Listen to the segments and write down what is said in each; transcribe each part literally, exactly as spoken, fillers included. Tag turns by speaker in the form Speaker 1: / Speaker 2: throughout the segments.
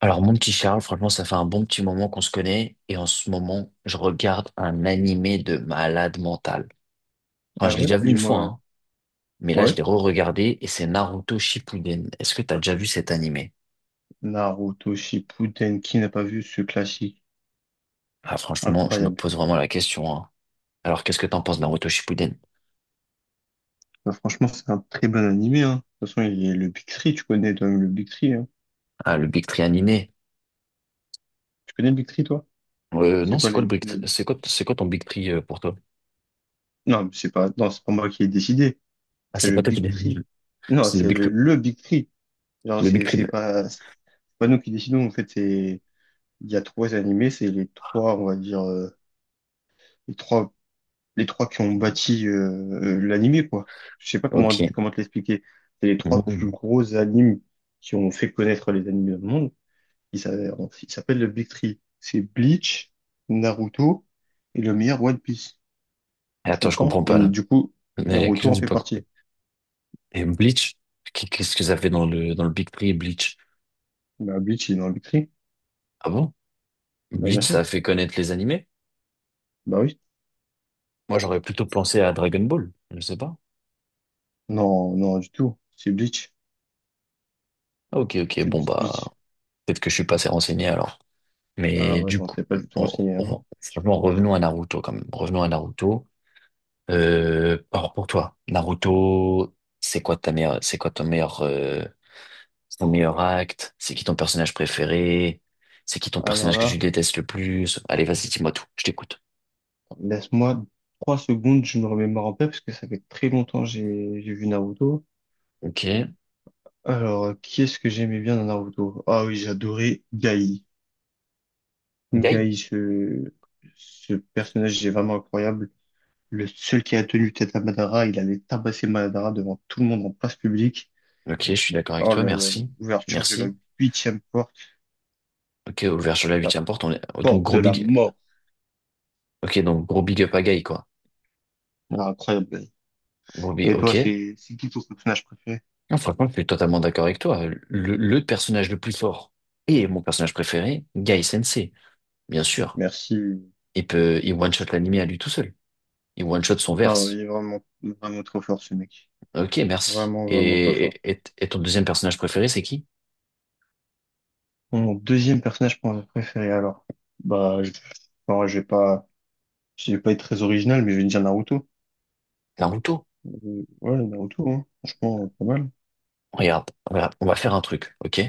Speaker 1: Alors, mon petit Charles, franchement, ça fait un bon petit moment qu'on se connaît. Et en ce moment, je regarde un animé de malade mental. Enfin, je
Speaker 2: Ah
Speaker 1: l'ai
Speaker 2: ouais?
Speaker 1: déjà vu une fois,
Speaker 2: Dis-moi, ouais.
Speaker 1: hein, mais là, je
Speaker 2: Ouais.
Speaker 1: l'ai re-regardé et c'est Naruto Shippuden. Est-ce que tu as déjà vu cet animé?
Speaker 2: Naruto Shippuden, qui n'a pas vu ce classique?
Speaker 1: Ah, franchement, je me
Speaker 2: Incroyable.
Speaker 1: pose vraiment la question, hein. Alors, qu'est-ce que t'en penses, de Naruto Shippuden?
Speaker 2: Bah, franchement, c'est un très bon animé, hein. De toute façon, il y a le Big Three, tu connais toi-même le Big Three, hein.
Speaker 1: Ah, le Big Tree animé?
Speaker 2: Tu connais le Big Three, toi?
Speaker 1: Euh, non,
Speaker 2: C'est quoi
Speaker 1: c'est quoi le
Speaker 2: les,
Speaker 1: Big Three-
Speaker 2: les-
Speaker 1: C'est quoi, c'est quoi ton Big Tree euh, pour toi?
Speaker 2: non, mais c'est pas, non, c'est pas moi qui ai décidé.
Speaker 1: Ah,
Speaker 2: C'est
Speaker 1: c'est
Speaker 2: le
Speaker 1: pas toi qui
Speaker 2: Big
Speaker 1: l'as vu.
Speaker 2: Three. Non,
Speaker 1: C'est le
Speaker 2: c'est
Speaker 1: Big
Speaker 2: le,
Speaker 1: Three-
Speaker 2: le Big Three. Genre,
Speaker 1: Le Big
Speaker 2: c'est,
Speaker 1: Tree.
Speaker 2: c'est pas, c'est pas nous qui décidons, en fait, c'est, il y a trois animés, c'est les trois, on va dire, euh, les trois les trois qui ont bâti euh, l'animé, quoi. Je sais pas comment,
Speaker 1: Ok.
Speaker 2: comment te l'expliquer. C'est les trois plus
Speaker 1: Mmh.
Speaker 2: gros animes qui ont fait connaître les animés dans le monde. Ils s'a- ils s'appellent le Big Three. C'est Bleach, Naruto et le meilleur One Piece. Tu
Speaker 1: Attends, je
Speaker 2: comprends?
Speaker 1: comprends
Speaker 2: Et
Speaker 1: pas, là.
Speaker 2: du coup,
Speaker 1: Il y a quelque chose
Speaker 2: Naruto
Speaker 1: que
Speaker 2: en
Speaker 1: j'ai
Speaker 2: fait
Speaker 1: pas compris.
Speaker 2: partie.
Speaker 1: Et Bleach, qu- qu'est-ce que ça fait dans le, dans le Big Three Bleach?
Speaker 2: Bah, Bleach, il est dans le Big Three.
Speaker 1: Ah bon?
Speaker 2: Bah, bien
Speaker 1: Bleach, ça a
Speaker 2: sûr.
Speaker 1: fait connaître les animés?
Speaker 2: Bah oui.
Speaker 1: Moi, j'aurais plutôt pensé à Dragon Ball, je sais pas.
Speaker 2: Non, non, du tout. C'est Bleach.
Speaker 1: Ah, ok, ok,
Speaker 2: C'est
Speaker 1: bon,
Speaker 2: Bleach,
Speaker 1: bah,
Speaker 2: Bleach.
Speaker 1: peut-être que je suis pas assez renseigné alors.
Speaker 2: Ah
Speaker 1: Mais
Speaker 2: ouais,
Speaker 1: du
Speaker 2: non,
Speaker 1: coup,
Speaker 2: t'es pas du tout
Speaker 1: on-
Speaker 2: renseigné, hein.
Speaker 1: on- franchement, revenons à Naruto quand même. Revenons à Naruto. Euh, alors pour toi, Naruto, c'est quoi ta meilleure, c'est quoi ton meilleur, euh, ton meilleur acte? C'est qui ton personnage préféré? C'est qui ton
Speaker 2: Alors
Speaker 1: personnage que tu
Speaker 2: là.
Speaker 1: détestes le plus? Allez, vas-y, dis-moi tout, je t'écoute.
Speaker 2: Laisse-moi trois secondes, je me remets en paix parce que ça fait très longtemps que j'ai j'ai vu Naruto.
Speaker 1: Ok.
Speaker 2: Alors, euh, qui est-ce que j'aimais bien dans Naruto? Ah oui, j'adorais Gai.
Speaker 1: Guy?
Speaker 2: Gai, ce, ce personnage est vraiment incroyable. Le seul qui a tenu tête à Madara, il allait tabasser Madara devant tout le monde en place publique.
Speaker 1: Ok, je suis d'accord avec
Speaker 2: Oh
Speaker 1: toi,
Speaker 2: là là, là,
Speaker 1: merci.
Speaker 2: l'ouverture de la
Speaker 1: Merci.
Speaker 2: huitième porte,
Speaker 1: Ok, ouvert sur la
Speaker 2: la
Speaker 1: huitième porte, on est... oh, donc
Speaker 2: porte de
Speaker 1: gros
Speaker 2: la
Speaker 1: big...
Speaker 2: mort.
Speaker 1: Ok, donc gros big up à Guy, quoi.
Speaker 2: Ah, incroyable.
Speaker 1: Gros big...
Speaker 2: Et
Speaker 1: Ok.
Speaker 2: toi, c'est c'est qui ton personnage préféré?
Speaker 1: Non, franchement, je suis totalement d'accord avec toi. Le, le personnage le plus fort et mon personnage préféré, Guy Sensei, bien sûr.
Speaker 2: Merci.
Speaker 1: Il peut... Il one-shot l'anime à lui tout seul. Il one-shot son
Speaker 2: Ah
Speaker 1: verse.
Speaker 2: oui, vraiment, vraiment trop fort ce mec.
Speaker 1: Ok, merci.
Speaker 2: Vraiment, vraiment très fort.
Speaker 1: Et, et, et ton deuxième personnage préféré, c'est qui?
Speaker 2: Mon deuxième personnage pr- préféré, alors. Bah, je, bon, je vais pas, je vais pas être très original, mais je vais dire Naruto.
Speaker 1: Naruto.
Speaker 2: Euh, Ouais, Naruto, hein. Franchement, pas mal.
Speaker 1: Regarde, voilà, on va faire un truc, ok?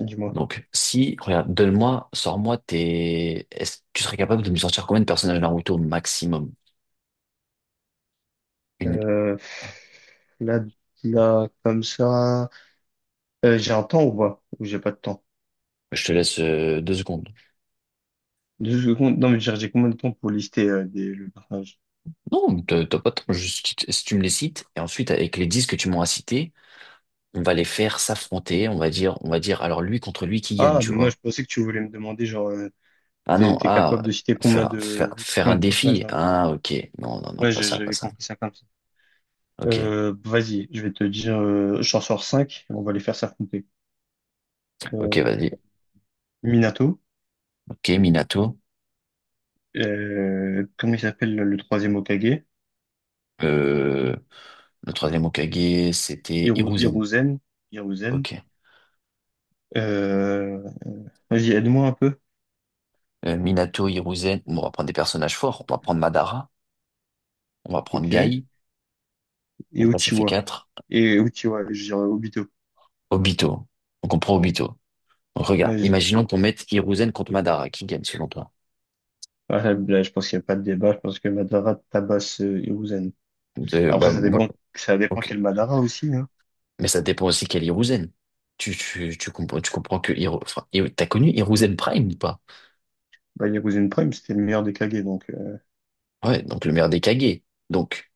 Speaker 2: Dis-moi.
Speaker 1: Donc, si, regarde, donne-moi, sors-moi tes... Est-ce que tu serais capable de me sortir combien de personnages Naruto au maximum? Une...
Speaker 2: Euh, là, là, comme ça. Euh, j'ai un temps ou pas? Ou j'ai pas de temps?
Speaker 1: Je te laisse euh, deux secondes.
Speaker 2: Deux secondes. Non, mais j'ai j'ai combien de temps pour lister euh, des, le personnage?
Speaker 1: Non, t'as t'as pas trop. Juste, si tu si tu me les cites, et ensuite, avec les dix que tu m'as cités, on va les faire s'affronter. On va dire, on va dire, alors lui contre lui qui gagne,
Speaker 2: Ah,
Speaker 1: tu
Speaker 2: mais moi, je
Speaker 1: vois?
Speaker 2: pensais que tu voulais me demander, genre, euh,
Speaker 1: Ah
Speaker 2: si t'es
Speaker 1: non,
Speaker 2: t'es
Speaker 1: ah,
Speaker 2: capable de citer combien
Speaker 1: faire, faire,
Speaker 2: de,
Speaker 1: faire un
Speaker 2: combien de personnages
Speaker 1: défi.
Speaker 2: Naruto?
Speaker 1: Ah, ok. Non, non, non,
Speaker 2: Ouais,
Speaker 1: pas
Speaker 2: j'ai-
Speaker 1: ça, pas
Speaker 2: j'avais
Speaker 1: ça.
Speaker 2: compris ça comme ça.
Speaker 1: Ok,
Speaker 2: Euh, vas-y, je vais te dire, euh, j'en sors cinq, on va les faire s'affronter.
Speaker 1: ok,
Speaker 2: Euh,
Speaker 1: vas-y.
Speaker 2: Minato,
Speaker 1: Ok, Minato.
Speaker 2: euh, comment il s'appelle le troisième Hokage?
Speaker 1: Euh, le troisième Hokage, c'était
Speaker 2: Hiru-
Speaker 1: Hiruzen.
Speaker 2: Hiruzen, Hiruzen.
Speaker 1: Ok.
Speaker 2: Euh, vas-y, aide-moi un peu,
Speaker 1: euh, Minato, Hiruzen. Bon, on va prendre des personnages forts. On va prendre Madara. On va prendre
Speaker 2: ok? Et
Speaker 1: Gai. Donc là, ça fait
Speaker 2: Uchiwa,
Speaker 1: quatre.
Speaker 2: et Uchiwa, je dirais Obito.
Speaker 1: Obito. Donc on prend Obito. Donc, regarde,
Speaker 2: Vas-y.
Speaker 1: imaginons qu'on mette Hiruzen contre Madara. Qui gagne selon toi?
Speaker 2: Ah, là, là, je pense qu'il n'y a pas de débat, je pense que Madara tabasse euh, Hiruzen.
Speaker 1: Euh, bah,
Speaker 2: Après, ça
Speaker 1: moi,
Speaker 2: dépend, ça dépend
Speaker 1: ok.
Speaker 2: quel Madara aussi, hein.
Speaker 1: Mais ça dépend aussi quel Hiruzen. Tu, tu, tu comprends, tu comprends que Hiru, enfin, Hiru- t'as connu Hiruzen Prime ou pas?
Speaker 2: Bah, Hiruzen Prime, c'était le meilleur des Kage, donc... euh,
Speaker 1: Ouais, donc le meilleur des Kage. Donc,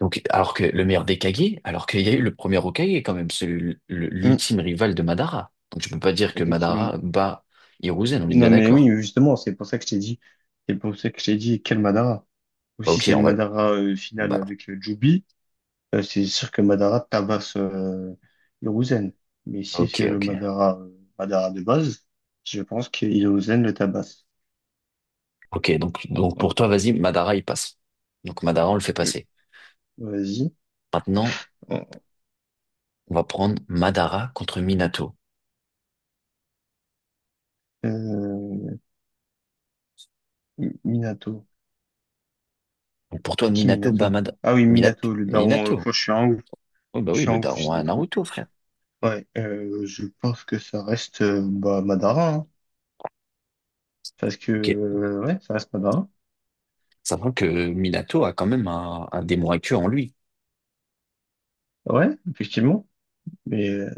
Speaker 1: donc, alors que le meilleur des Kage, alors qu'il y a eu le premier Hokage quand même, celui, le-
Speaker 2: hmm,
Speaker 1: l'ultime rival de Madara. Donc tu peux pas dire que
Speaker 2: effectivement.
Speaker 1: Madara bat Hiruzen, on est bien
Speaker 2: Non, mais oui,
Speaker 1: d'accord.
Speaker 2: justement, c'est pour ça que je t'ai dit. C'est pour ça que je t'ai dit, quel Madara? Ou
Speaker 1: Bah,
Speaker 2: si
Speaker 1: ok,
Speaker 2: c'est le
Speaker 1: en vrai.
Speaker 2: Madara euh, final
Speaker 1: Bah,
Speaker 2: avec euh, Jubi, euh, c'est sûr que Madara tabasse euh, Hiruzen. Mais si
Speaker 1: ok,
Speaker 2: c'est le
Speaker 1: ok.
Speaker 2: Madara, euh, Madara de base, je pense que Hiruzen le tabasse.
Speaker 1: Ok, donc, donc pour
Speaker 2: Voilà.
Speaker 1: toi, vas-y, Madara, il passe. Donc Madara, on le fait
Speaker 2: Euh,
Speaker 1: passer.
Speaker 2: vas-y.
Speaker 1: Maintenant, on va prendre Madara contre Minato.
Speaker 2: Euh, Minato.
Speaker 1: Donc pour toi,
Speaker 2: C'est qui
Speaker 1: Minato bat
Speaker 2: Minato?
Speaker 1: Mad-
Speaker 2: Ah oui,
Speaker 1: Minato.
Speaker 2: Minato, le daron. Euh,
Speaker 1: Minato.
Speaker 2: je suis un ouf.
Speaker 1: Oh, bah
Speaker 2: Je
Speaker 1: oui,
Speaker 2: suis un
Speaker 1: le
Speaker 2: ouf,
Speaker 1: daron
Speaker 2: j'ai des
Speaker 1: à
Speaker 2: trous.
Speaker 1: Naruto, frère.
Speaker 2: Ouais, euh, je pense que ça reste euh, bah, Madara, hein. Parce que,
Speaker 1: Ok.
Speaker 2: euh, ouais, ça reste Madara.
Speaker 1: Sachant que Minato a quand même un, un démon actuel en lui.
Speaker 2: Ouais, effectivement. Mais euh,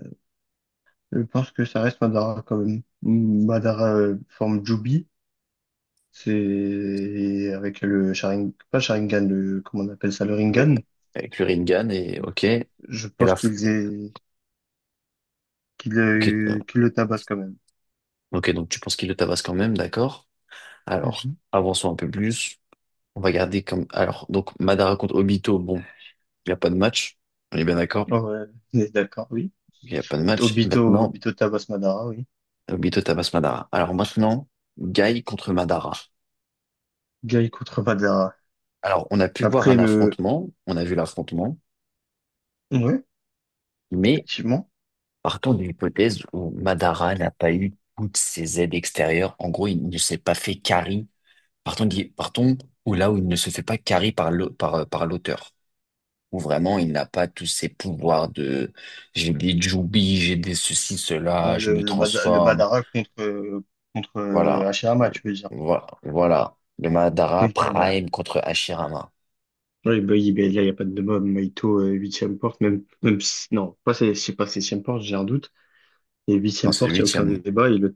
Speaker 2: je pense que ça reste Madara quand même. Madara euh, forme Jubi, c'est avec le Sharingan, pas Sharingan, le, comment on appelle ça, le
Speaker 1: Avec,
Speaker 2: Ringan.
Speaker 1: avec le Rinnegan et ok. Et
Speaker 2: Je
Speaker 1: la
Speaker 2: pense
Speaker 1: f-
Speaker 2: qu'ils aient, qu'il
Speaker 1: Ok, euh,
Speaker 2: a qu'il le tabasse quand même.
Speaker 1: ok, donc tu penses qu'il le tabasse quand même, d'accord. Alors,
Speaker 2: Mhm.
Speaker 1: avançons un peu plus. On va garder comme. Alors, donc Madara contre Obito, bon. Il n'y a pas de match. On est bien d'accord?
Speaker 2: Ouais, on est d'accord, oui.
Speaker 1: Il n'y a pas de match.
Speaker 2: Obito,
Speaker 1: Maintenant,
Speaker 2: Obito tabasse Madara, oui.
Speaker 1: Obito tabasse Madara. Alors maintenant, Guy contre Madara.
Speaker 2: Guy contre Madara.
Speaker 1: Alors, on a pu voir
Speaker 2: Après
Speaker 1: un
Speaker 2: le,
Speaker 1: affrontement. On a vu l'affrontement.
Speaker 2: ouais,
Speaker 1: Mais
Speaker 2: effectivement.
Speaker 1: partons de l'hypothèse où Madara n'a pas eu toutes ses aides extérieures. En gros, il ne s'est pas fait carry. Partons, d'hy- partons où là où il ne se fait pas carry par l'au- par, euh, par l'auteur. Où vraiment, il n'a pas tous ses pouvoirs de j'ai des Jubi, j'ai des ceci, cela,
Speaker 2: Ah,
Speaker 1: je
Speaker 2: Le,
Speaker 1: me
Speaker 2: le, Mada- le
Speaker 1: transforme.
Speaker 2: Madara contre, euh, contre euh,
Speaker 1: Voilà.
Speaker 2: Hashirama,
Speaker 1: Le-
Speaker 2: tu veux dire.
Speaker 1: voi- Voilà. Le Madara
Speaker 2: Oui,
Speaker 1: Prime contre Hashirama.
Speaker 2: oui, bah oui, ben il n'y a pas de débat. Maito, euh, huitième porte, même, même si- non, pas, c'est- je sais pas, septième porte, j'ai un doute. Et
Speaker 1: Non,
Speaker 2: huitième
Speaker 1: c'est le
Speaker 2: porte, il n'y a aucun
Speaker 1: huitième.
Speaker 2: débat. Et le,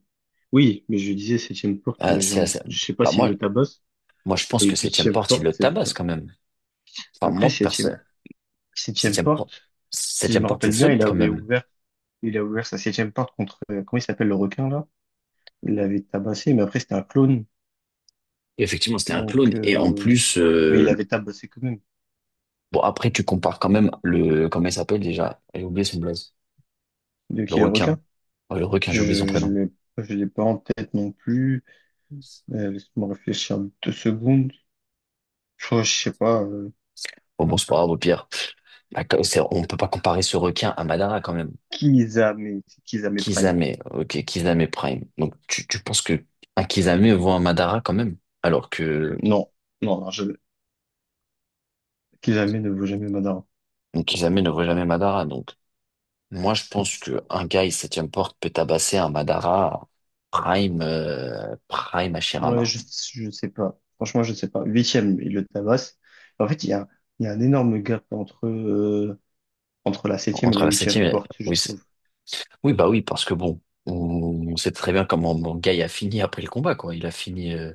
Speaker 2: oui, mais je disais septième porte,
Speaker 1: Ah,
Speaker 2: euh, j'ai
Speaker 1: c'est,
Speaker 2: un-
Speaker 1: assez-
Speaker 2: je sais pas
Speaker 1: Bah,
Speaker 2: s'il
Speaker 1: moi,
Speaker 2: le tabasse.
Speaker 1: moi, je pense
Speaker 2: Et
Speaker 1: que septième
Speaker 2: huitième
Speaker 1: porte, il
Speaker 2: porte,
Speaker 1: le
Speaker 2: c'est
Speaker 1: tabasse
Speaker 2: sûr.
Speaker 1: quand même. Enfin,
Speaker 2: Après,
Speaker 1: moi,
Speaker 2: septième,
Speaker 1: personne.
Speaker 2: septième
Speaker 1: Septième porte,
Speaker 2: porte, si je
Speaker 1: Septième
Speaker 2: me
Speaker 1: porte, c'est
Speaker 2: rappelle bien, il
Speaker 1: solide quand
Speaker 2: avait
Speaker 1: même.
Speaker 2: ouvert, il a ouvert sa septième porte contre, euh, comment il s'appelle le requin, là? Il l'avait tabassé, mais après, c'était un clone.
Speaker 1: Et effectivement, c'était un clone.
Speaker 2: Donc,
Speaker 1: Et en
Speaker 2: euh,
Speaker 1: plus,
Speaker 2: mais il
Speaker 1: euh,
Speaker 2: l'avait tabassé quand même.
Speaker 1: bon, après, tu compares quand même le, comment il s'appelle déjà? J'ai oublié son blaze.
Speaker 2: De
Speaker 1: Le
Speaker 2: qui le requin?
Speaker 1: requin. Ouais, le requin, j'ai oublié
Speaker 2: Je,
Speaker 1: son
Speaker 2: je
Speaker 1: prénom.
Speaker 2: l'ai, je l'ai pas en tête non plus. Euh, laisse-moi réfléchir deux secondes. Je crois, je sais pas, euh,
Speaker 1: Bon, bon, c'est pas grave, au pire. Bah, c'est- on peut pas comparer ce requin à Madara quand même.
Speaker 2: Kizame, c'est Kizame Prime.
Speaker 1: Kisame, ok, Kisame Prime. Donc tu, tu penses que un Kisame vaut un Madara quand même, alors que
Speaker 2: Non, non, non, je, Kizame ne vaut jamais Madara.
Speaker 1: un Kisame ne vaut jamais Madara. Donc moi je pense que un gars il septième porte peut tabasser un Madara Prime euh, Prime
Speaker 2: Ouais,
Speaker 1: Hashirama.
Speaker 2: je, je sais pas. Franchement, je sais pas. Huitième, il le tabasse. En fait, il y a, il y a un énorme gap entre, euh, entre la septième et
Speaker 1: Entre
Speaker 2: la
Speaker 1: la septième,
Speaker 2: huitième
Speaker 1: et-
Speaker 2: porte, je
Speaker 1: oui, c'est-
Speaker 2: trouve.
Speaker 1: oui bah oui parce que bon, on, on sait très bien comment mon gars il a fini après le combat quoi. Il a fini, euh,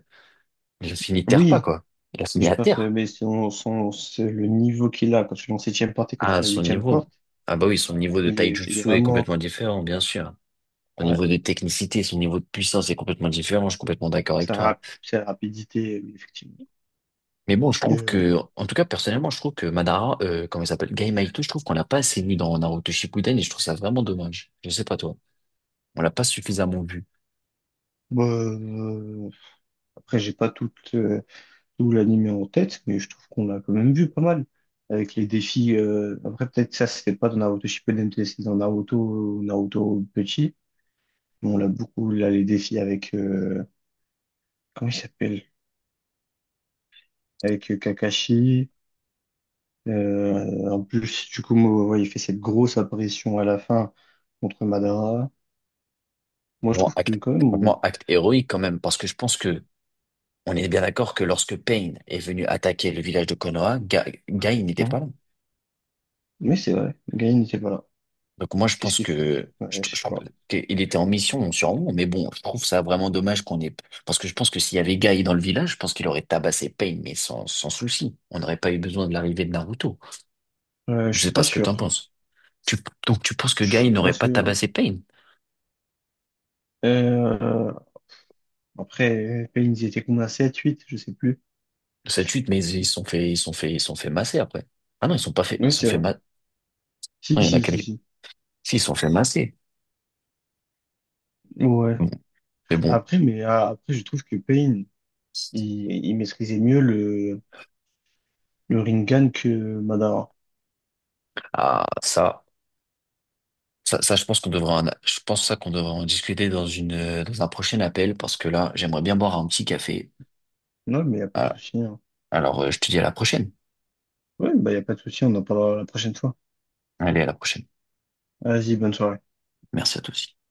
Speaker 1: il a fini terre pas
Speaker 2: Oui,
Speaker 1: quoi. Il a
Speaker 2: mais
Speaker 1: fini
Speaker 2: je
Speaker 1: à
Speaker 2: pense, euh,
Speaker 1: terre.
Speaker 2: mais son, son, c'est le niveau qu'il a quand tu es en septième porte et quand
Speaker 1: Ah
Speaker 2: tu es en
Speaker 1: son
Speaker 2: huitième
Speaker 1: niveau,
Speaker 2: porte,
Speaker 1: ah bah oui son niveau de
Speaker 2: il est, il est
Speaker 1: Taijutsu est
Speaker 2: vraiment,
Speaker 1: complètement différent bien sûr. Son
Speaker 2: ouais,
Speaker 1: niveau de technicité, son niveau de puissance est complètement différent. Je suis complètement d'accord avec
Speaker 2: sa,
Speaker 1: toi.
Speaker 2: rap- sa rapidité, euh, effectivement.
Speaker 1: Mais bon, je trouve
Speaker 2: Mais,
Speaker 1: que, en tout cas, personnellement, je trouve que Madara, euh, comment il s'appelle, Gai je trouve qu'on l'a pas assez vu dans Naruto Shippuden et je trouve ça vraiment dommage. Je sais pas toi. On l'a pas suffisamment vu.
Speaker 2: Bah, euh, après, j'ai pas tout, euh, tout l'anime en tête, mais je trouve qu'on l'a quand même vu pas mal. Avec les défis, euh, après, peut-être ça, c'était pas dans Naruto Shippuden, peut-être c'était dans Naruto, Naruto petit. Mais on l'a beaucoup, là, les défis avec, euh, comment il s'appelle? Avec euh, Kakashi. Euh, en plus, du coup, moi, ouais, il fait cette grosse apparition à la fin contre Madara. Moi, je
Speaker 1: Genre,
Speaker 2: trouve que
Speaker 1: acte,
Speaker 2: quand même, on-
Speaker 1: franchement, acte héroïque quand même, parce que je pense que on est bien d'accord que lorsque Pain est venu attaquer le village de Konoha, Ga- Gai n'était
Speaker 2: hein,
Speaker 1: pas là.
Speaker 2: mais c'est vrai, Gain n'était pas là.
Speaker 1: Donc moi, je
Speaker 2: Qu'est-ce
Speaker 1: pense
Speaker 2: qu'il fait?
Speaker 1: que je,
Speaker 2: Ouais, je
Speaker 1: je-
Speaker 2: sais pas.
Speaker 1: qu'il était en mission donc sûrement, mais bon, je trouve ça vraiment dommage qu'on ait... Parce que je pense que s'il y avait Guy dans le village, je pense qu'il aurait tabassé Pain, mais sans, sans souci. On n'aurait pas eu besoin de l'arrivée de Naruto.
Speaker 2: Euh, je
Speaker 1: Je
Speaker 2: suis
Speaker 1: sais pas
Speaker 2: pas
Speaker 1: ce que t'en
Speaker 2: sûr.
Speaker 1: penses. Tu, donc tu penses que
Speaker 2: Je
Speaker 1: Guy
Speaker 2: suis pas
Speaker 1: n'aurait pas
Speaker 2: sûr.
Speaker 1: tabassé Pain?
Speaker 2: Euh, après, P N, ils étaient combien? sept, huit, je sais plus.
Speaker 1: Cette suite, mais ils se sont fait, ils se sont fait, ils se sont fait masser après. Ah non, ils se sont pas fait,
Speaker 2: Oui,
Speaker 1: ils se sont
Speaker 2: c'est
Speaker 1: fait
Speaker 2: vrai.
Speaker 1: ma...
Speaker 2: Si,
Speaker 1: Non, il y en a
Speaker 2: si, si,
Speaker 1: quelques...
Speaker 2: si.
Speaker 1: Si, ils se sont fait masser.
Speaker 2: Ouais.
Speaker 1: Bon, mais bon,
Speaker 2: Après, mais ah, après, je trouve que Payne, il, il maîtrisait mieux le, le Rinnegan que Madara.
Speaker 1: ah, ça... Ça, ça, je pense qu'on devrait en, je pense ça qu'on devrait en discuter dans une, euh, dans un prochain appel parce que là, j'aimerais bien boire un petit café.
Speaker 2: Non, mais il a pas de
Speaker 1: Ah,
Speaker 2: souci, hein.
Speaker 1: alors, euh, je te dis à la prochaine.
Speaker 2: Ouais, bah, il a pas de souci, on en parlera la prochaine fois.
Speaker 1: Allez, à la prochaine.
Speaker 2: Vas-y, bonne soirée.
Speaker 1: Merci à tous.